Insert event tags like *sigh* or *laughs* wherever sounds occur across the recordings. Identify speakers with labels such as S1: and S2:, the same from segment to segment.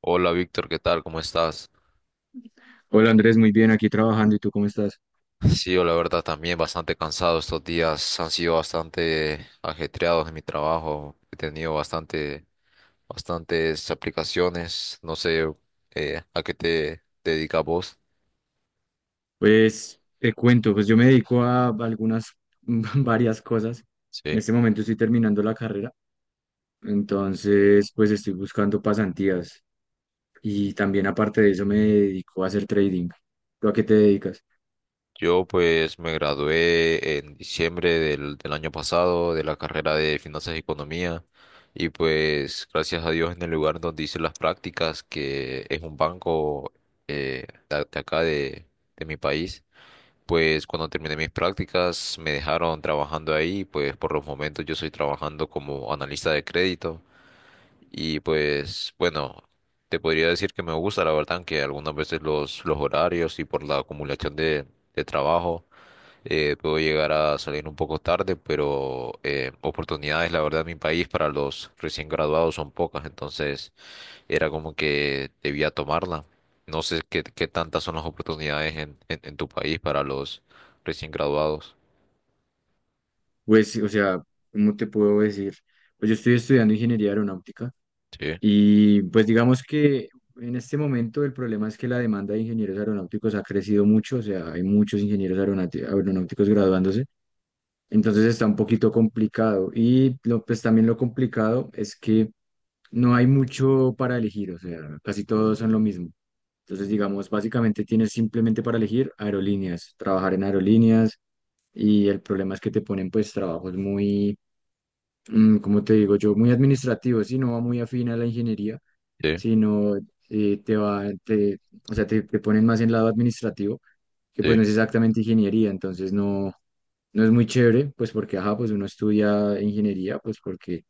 S1: Hola Víctor, ¿qué tal? ¿Cómo estás?
S2: Hola Andrés, muy bien, aquí trabajando. ¿Y tú cómo estás?
S1: Sí, yo la verdad también bastante cansado estos días, han sido bastante ajetreados en mi trabajo, he tenido bastante, bastantes aplicaciones, no sé, a qué te dedicas vos.
S2: Pues te cuento, pues yo me dedico a algunas, *laughs* varias cosas. En
S1: Sí,
S2: este momento estoy terminando la carrera, entonces pues estoy buscando pasantías y también aparte de eso me dedico a hacer trading. ¿Tú a qué te dedicas?
S1: yo pues me gradué en diciembre del año pasado de la carrera de Finanzas y Economía, y pues gracias a Dios, en el lugar donde hice las prácticas, que es un banco, de acá de mi país. Pues cuando terminé mis prácticas me dejaron trabajando ahí. Pues por los momentos yo estoy trabajando como analista de crédito y pues bueno, te podría decir que me gusta, la verdad, que algunas veces los horarios y por la acumulación de trabajo, puedo llegar a salir un poco tarde, pero oportunidades la verdad en mi país para los recién graduados son pocas, entonces era como que debía tomarla. No sé qué, qué tantas son las oportunidades en tu país para los recién graduados.
S2: Pues, o sea, ¿cómo te puedo decir? Pues yo estoy estudiando ingeniería aeronáutica
S1: Sí,
S2: y pues digamos que en este momento el problema es que la demanda de ingenieros aeronáuticos ha crecido mucho, o sea, hay muchos aeronáuticos graduándose. Entonces está un poquito complicado. Y lo, pues también lo complicado es que no hay mucho para elegir, o sea, casi todos son lo mismo. Entonces, digamos, básicamente tienes simplemente para elegir aerolíneas, trabajar en aerolíneas y el problema es que te ponen pues trabajos muy, como te digo yo, muy administrativos y no va muy afín a la ingeniería,
S1: sí,
S2: sino eh, te va, te, o sea, te ponen más en lado administrativo, que pues
S1: sí,
S2: no es exactamente ingeniería, entonces no es muy chévere, pues porque, ajá, pues uno estudia ingeniería, pues porque,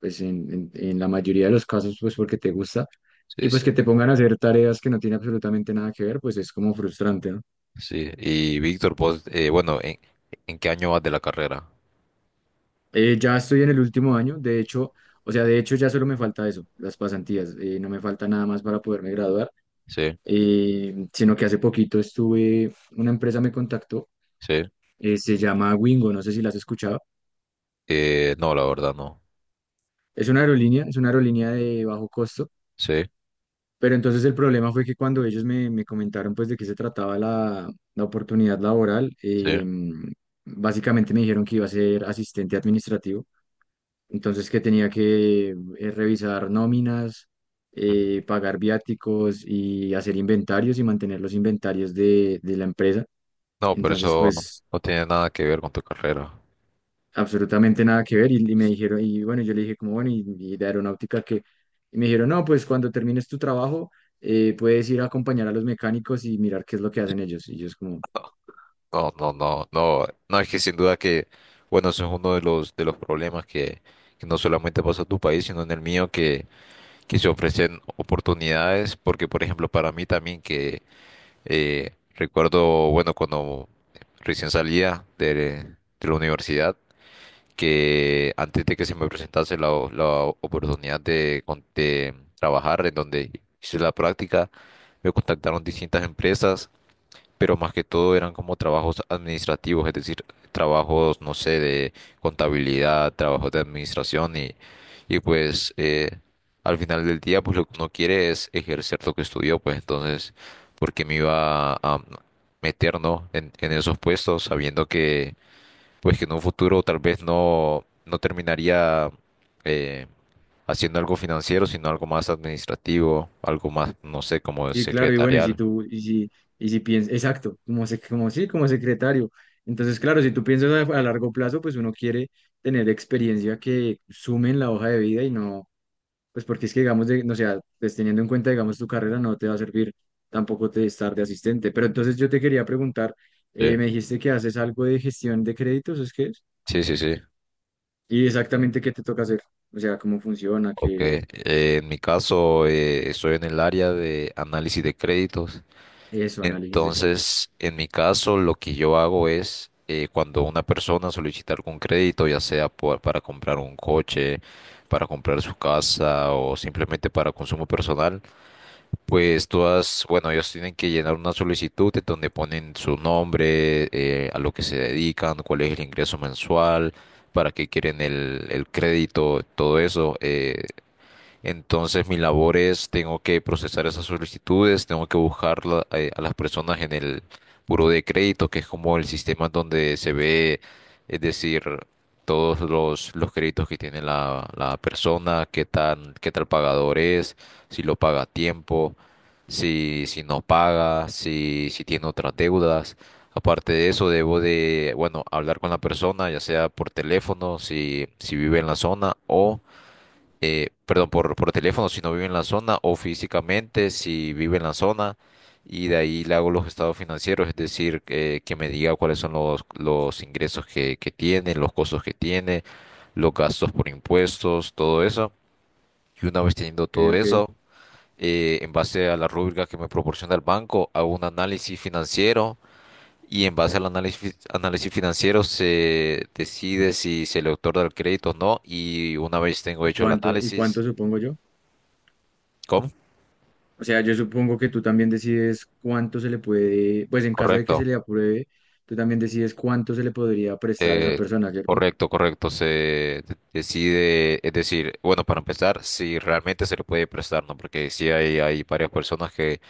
S2: pues en la mayoría de los casos, pues porque te gusta, y
S1: sí,
S2: pues
S1: sí.
S2: que te pongan a hacer tareas que no tienen absolutamente nada que ver, pues es como frustrante, ¿no?
S1: Sí, y Víctor, pues, bueno, en qué año vas de la carrera?
S2: Ya estoy en el último año, de hecho, o sea, de hecho ya solo me falta eso, las pasantías, no me falta nada más para poderme graduar,
S1: Sí,
S2: sino que hace poquito estuve, una empresa me contactó,
S1: sí.
S2: se llama Wingo, no sé si la has escuchado,
S1: No, la verdad no.
S2: es una aerolínea de bajo costo.
S1: Sí,
S2: Pero entonces el problema fue que cuando ellos me comentaron pues de qué se trataba la oportunidad laboral,
S1: sí.
S2: em, básicamente me dijeron que iba a ser asistente administrativo, entonces que tenía que revisar nóminas,
S1: Ujú.
S2: pagar viáticos y hacer inventarios y mantener los inventarios de la empresa.
S1: No, pero
S2: Entonces
S1: eso
S2: pues
S1: no tiene nada que ver con tu carrera.
S2: absolutamente nada que ver. Y me dijeron, y bueno, yo le dije como, bueno, y de aeronáutica que, y me dijeron, no, pues cuando termines tu trabajo, puedes ir a acompañar a los mecánicos y mirar qué es lo que hacen ellos. Y yo es como,
S1: No, no, no, no. No, es que sin duda que, bueno, eso es uno de de los problemas que no solamente pasa en tu país, sino en el mío, que se ofrecen oportunidades, porque por ejemplo para mí también que, recuerdo, bueno, cuando recién salía de la universidad, que antes de que se me presentase la, o- la oportunidad de, con- de trabajar en donde hice la práctica, me contactaron distintas empresas, pero más que todo eran como trabajos administrativos, es decir, trabajos, no sé, de contabilidad, trabajos de administración y pues al final del día pues lo que uno quiere es ejercer lo que estudió, pues entonces, ¿por qué me iba a meter, no, en esos puestos sabiendo que pues que en un futuro tal vez no, no terminaría eh, haciendo algo financiero, sino algo más administrativo, algo más, no sé, como
S2: sí, claro, y bueno, y si
S1: secretarial?
S2: tú, y si piensas, exacto, como, se, como sí, como secretario. Entonces, claro, si tú piensas a largo plazo, pues uno quiere tener experiencia que sume en la hoja de vida y no, pues porque es que, digamos, de, no sea, pues teniendo en cuenta, digamos, tu carrera no te va a servir tampoco te estar de asistente. Pero entonces yo te quería preguntar,
S1: Sí,
S2: me dijiste que haces algo de gestión de créditos, ¿es que es?
S1: sí, sí. Sí.
S2: Y exactamente qué te toca hacer, o sea, cómo funciona,
S1: Ok,
S2: qué,
S1: en mi caso estoy en el área de análisis de créditos.
S2: eso, análisis de crédito.
S1: Entonces, en mi caso, lo que yo hago es, cuando una persona solicita algún crédito, ya sea por- para comprar un coche, para comprar su casa o simplemente para consumo personal, pues todas, bueno, ellos tienen que llenar una solicitud en donde ponen su nombre, a lo que se dedican, cuál es el ingreso mensual, para qué quieren el crédito, todo eso. Entonces, mi labor es, tengo que procesar esas solicitudes, tengo que buscar la- a las personas en el buro de crédito, que es como el sistema donde se ve, es decir, todos los créditos que tiene la persona, qué tan, qué tal pagador es, si lo paga a tiempo, si, si no paga, si, si tiene otras deudas. Aparte de eso, debo de, bueno, hablar con la persona, ya sea por teléfono, si, si vive en la zona, o perdón, por teléfono si no vive en la zona o físicamente si vive en la zona, y de ahí le hago los estados financieros, es decir, que me diga cuáles son los ingresos que tiene, los costos que tiene, los gastos por impuestos, todo eso. Y una vez teniendo
S2: Ok,
S1: todo
S2: ok.
S1: eso, en base a la rúbrica que me proporciona el banco, hago un análisis financiero. Y en base al análisis financiero se decide si se le otorga el crédito o no. Y una vez tengo
S2: ¿Y
S1: hecho el
S2: y cuánto
S1: análisis,
S2: supongo yo?
S1: ¿cómo?
S2: O sea, yo supongo que tú también decides cuánto se le puede, pues en caso de que se
S1: Correcto,
S2: le apruebe, tú también decides cuánto se le podría prestar a esa
S1: eh,
S2: persona, ¿cierto?
S1: correcto, correcto. Se de- decide, es decir, bueno, para empezar, si realmente se le puede prestar, ¿no? Porque sí hay varias personas que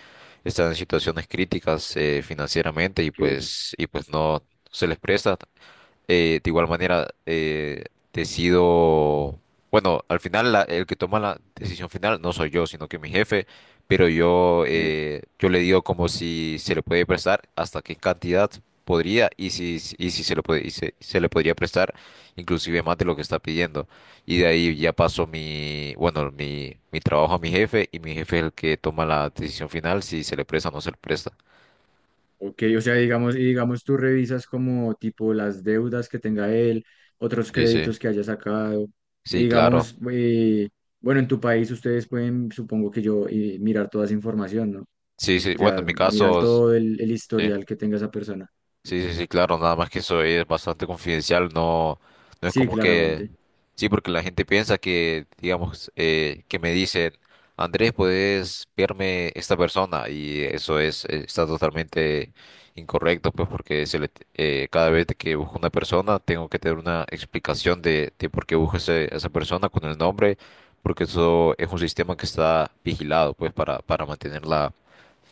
S1: están en situaciones críticas financieramente,
S2: Ok,
S1: y pues no se les presta. De igual manera, decido, bueno, al final la- el que toma la decisión final no soy yo, sino que mi jefe, pero yo,
S2: ok,
S1: yo le digo como si se le puede prestar, hasta qué cantidad podría y si se le puede, y se le podría prestar inclusive más de lo que está pidiendo. Y de ahí ya paso mi, bueno, mi trabajo a mi jefe, y mi jefe es el que toma la decisión final si se le presta o no se le presta.
S2: ok. O sea, digamos, y digamos tú revisas como tipo las deudas que tenga él, otros
S1: Sí, sí.
S2: créditos que haya sacado. Y
S1: Sí, claro.
S2: digamos, bueno, en tu país ustedes pueden, supongo que yo, mirar toda esa información, ¿no?
S1: Sí, sí.
S2: O
S1: Bueno,
S2: sea,
S1: en mi
S2: mirar
S1: caso,
S2: todo el
S1: sí.
S2: historial que tenga esa persona.
S1: Sí, sí, sí, claro, nada más que eso es bastante confidencial, no, no es
S2: Sí,
S1: como que,
S2: claramente.
S1: sí, porque la gente piensa que, digamos, que me dicen, Andrés, puedes verme esta persona, y eso es, está totalmente incorrecto, pues porque se le, cada vez que busco una persona tengo que tener una explicación de por qué busco ese- a esa persona con el nombre, porque eso es un sistema que está vigilado, pues, para mantener la,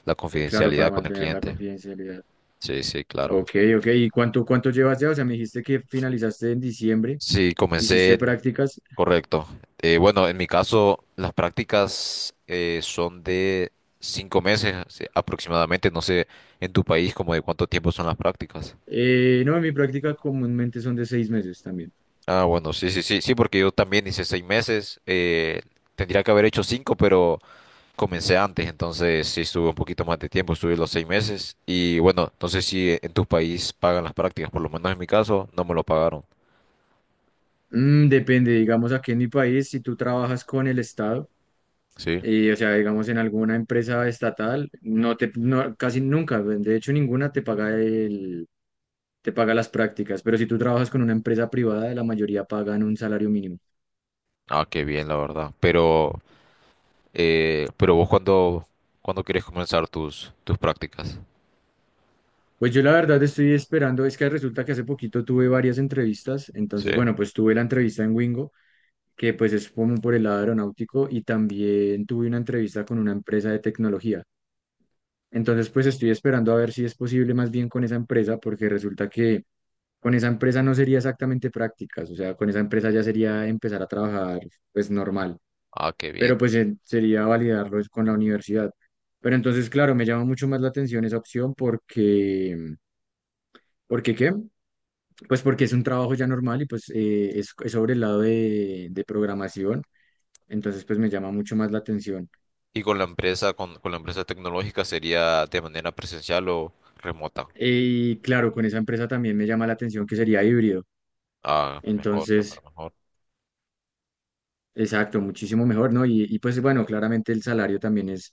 S1: la
S2: Claro, para
S1: confidencialidad con el
S2: mantener la
S1: cliente.
S2: confidencialidad.
S1: Sí, sí, claro.
S2: Ok, ok. ¿Y cuánto llevas ya? O sea, me dijiste que finalizaste en diciembre,
S1: Sí, comencé
S2: hiciste
S1: en...
S2: prácticas.
S1: Correcto. Bueno, en mi caso, las prácticas son de cinco meses, sí, aproximadamente. No sé, en tu país, como de cuánto tiempo son las prácticas.
S2: No, mi práctica comúnmente son de 6 meses también.
S1: Ah, bueno, sí, sí, sí, sí, porque yo también hice seis meses. Tendría que haber hecho cinco, pero comencé antes, entonces sí estuve un poquito más de tiempo, estuve los seis meses. Y bueno, no sé si en tu país pagan las prácticas, por lo menos en mi caso, no me lo pagaron.
S2: Mm, depende, digamos, aquí en mi país, si tú trabajas con el Estado,
S1: Sí.
S2: o sea, digamos, en alguna empresa estatal, no, casi nunca, de hecho, ninguna te paga te paga las prácticas, pero si tú trabajas con una empresa privada, la mayoría pagan un salario mínimo.
S1: Ah, qué bien, la verdad. Pero, pero vos cuando, cuando quieres comenzar tus, tus prácticas.
S2: Pues yo la verdad estoy esperando, es que resulta que hace poquito tuve varias entrevistas,
S1: Sí.
S2: entonces bueno, pues tuve la entrevista en Wingo, que pues es como por el lado aeronáutico, y también tuve una entrevista con una empresa de tecnología. Entonces pues estoy esperando a ver si es posible más bien con esa empresa, porque resulta que con esa empresa no sería exactamente prácticas, o sea, con esa empresa ya sería empezar a trabajar pues normal,
S1: Ah, qué
S2: pero
S1: bien.
S2: pues sería validarlo es con la universidad. Pero entonces, claro, me llama mucho más la atención esa opción porque... ¿Por qué qué? Pues porque es un trabajo ya normal y pues es sobre el lado de programación, entonces pues me llama mucho más la atención.
S1: ¿Y con la empresa, con la empresa tecnológica sería de manera presencial o remota?
S2: Eh, Y claro, con esa empresa también me llama la atención que sería híbrido,
S1: Ah, mejor, súper
S2: entonces,
S1: mejor.
S2: exacto, muchísimo mejor, ¿no? Y, pues bueno, claramente el salario también es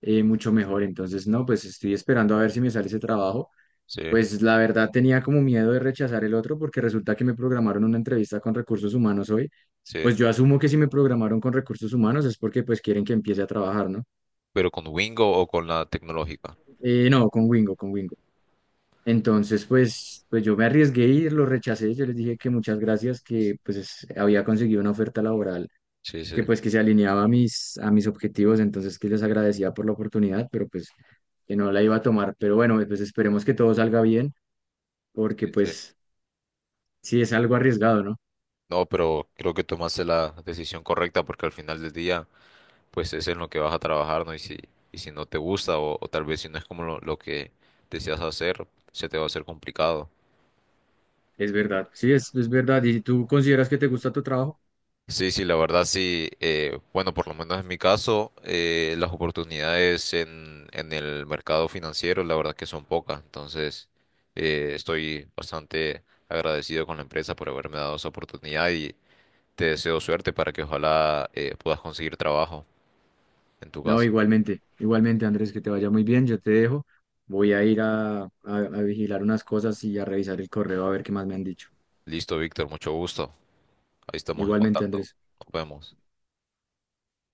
S2: mucho mejor, entonces no, pues estoy esperando a ver si me sale ese trabajo.
S1: Sí,
S2: Pues la verdad tenía como miedo de rechazar el otro porque resulta que me programaron una entrevista con recursos humanos hoy.
S1: sí.
S2: Pues yo asumo que si me programaron con recursos humanos es porque pues quieren que empiece a trabajar, ¿no?
S1: Pero ¿con Wingo o con la tecnológica?
S2: No, con Wingo, con Wingo. Entonces pues, pues yo me arriesgué y lo rechacé. Yo les dije que muchas gracias, que pues es- había conseguido una oferta laboral
S1: Sí,
S2: que
S1: sí,
S2: pues que se alineaba a a mis objetivos, entonces que les agradecía por la oportunidad, pero pues que no la iba a tomar. Pero bueno, pues esperemos que todo salga bien porque
S1: sí, sí.
S2: pues sí es algo arriesgado, ¿no?
S1: No, pero creo que tomaste la decisión correcta porque al final del día, pues es en lo que vas a trabajar, ¿no? Y si no te gusta o tal vez si no es como lo que deseas hacer, se te va a hacer complicado.
S2: Es verdad, sí, es verdad. ¿Y tú consideras que te gusta tu trabajo?
S1: Sí, sí, la verdad sí. Bueno, por lo menos en mi caso, las oportunidades en el mercado financiero, la verdad que son pocas. Entonces, estoy bastante agradecido con la empresa por haberme dado esa oportunidad, y te deseo suerte para que ojalá puedas conseguir trabajo en tu
S2: No,
S1: casa.
S2: igualmente, igualmente, Andrés, que te vaya muy bien. Yo te dejo. Voy a ir a vigilar unas cosas y a revisar el correo a ver qué más me han dicho.
S1: Listo, Víctor, mucho gusto. Ahí estamos en
S2: Igualmente,
S1: contacto.
S2: Andrés.
S1: Nos vemos.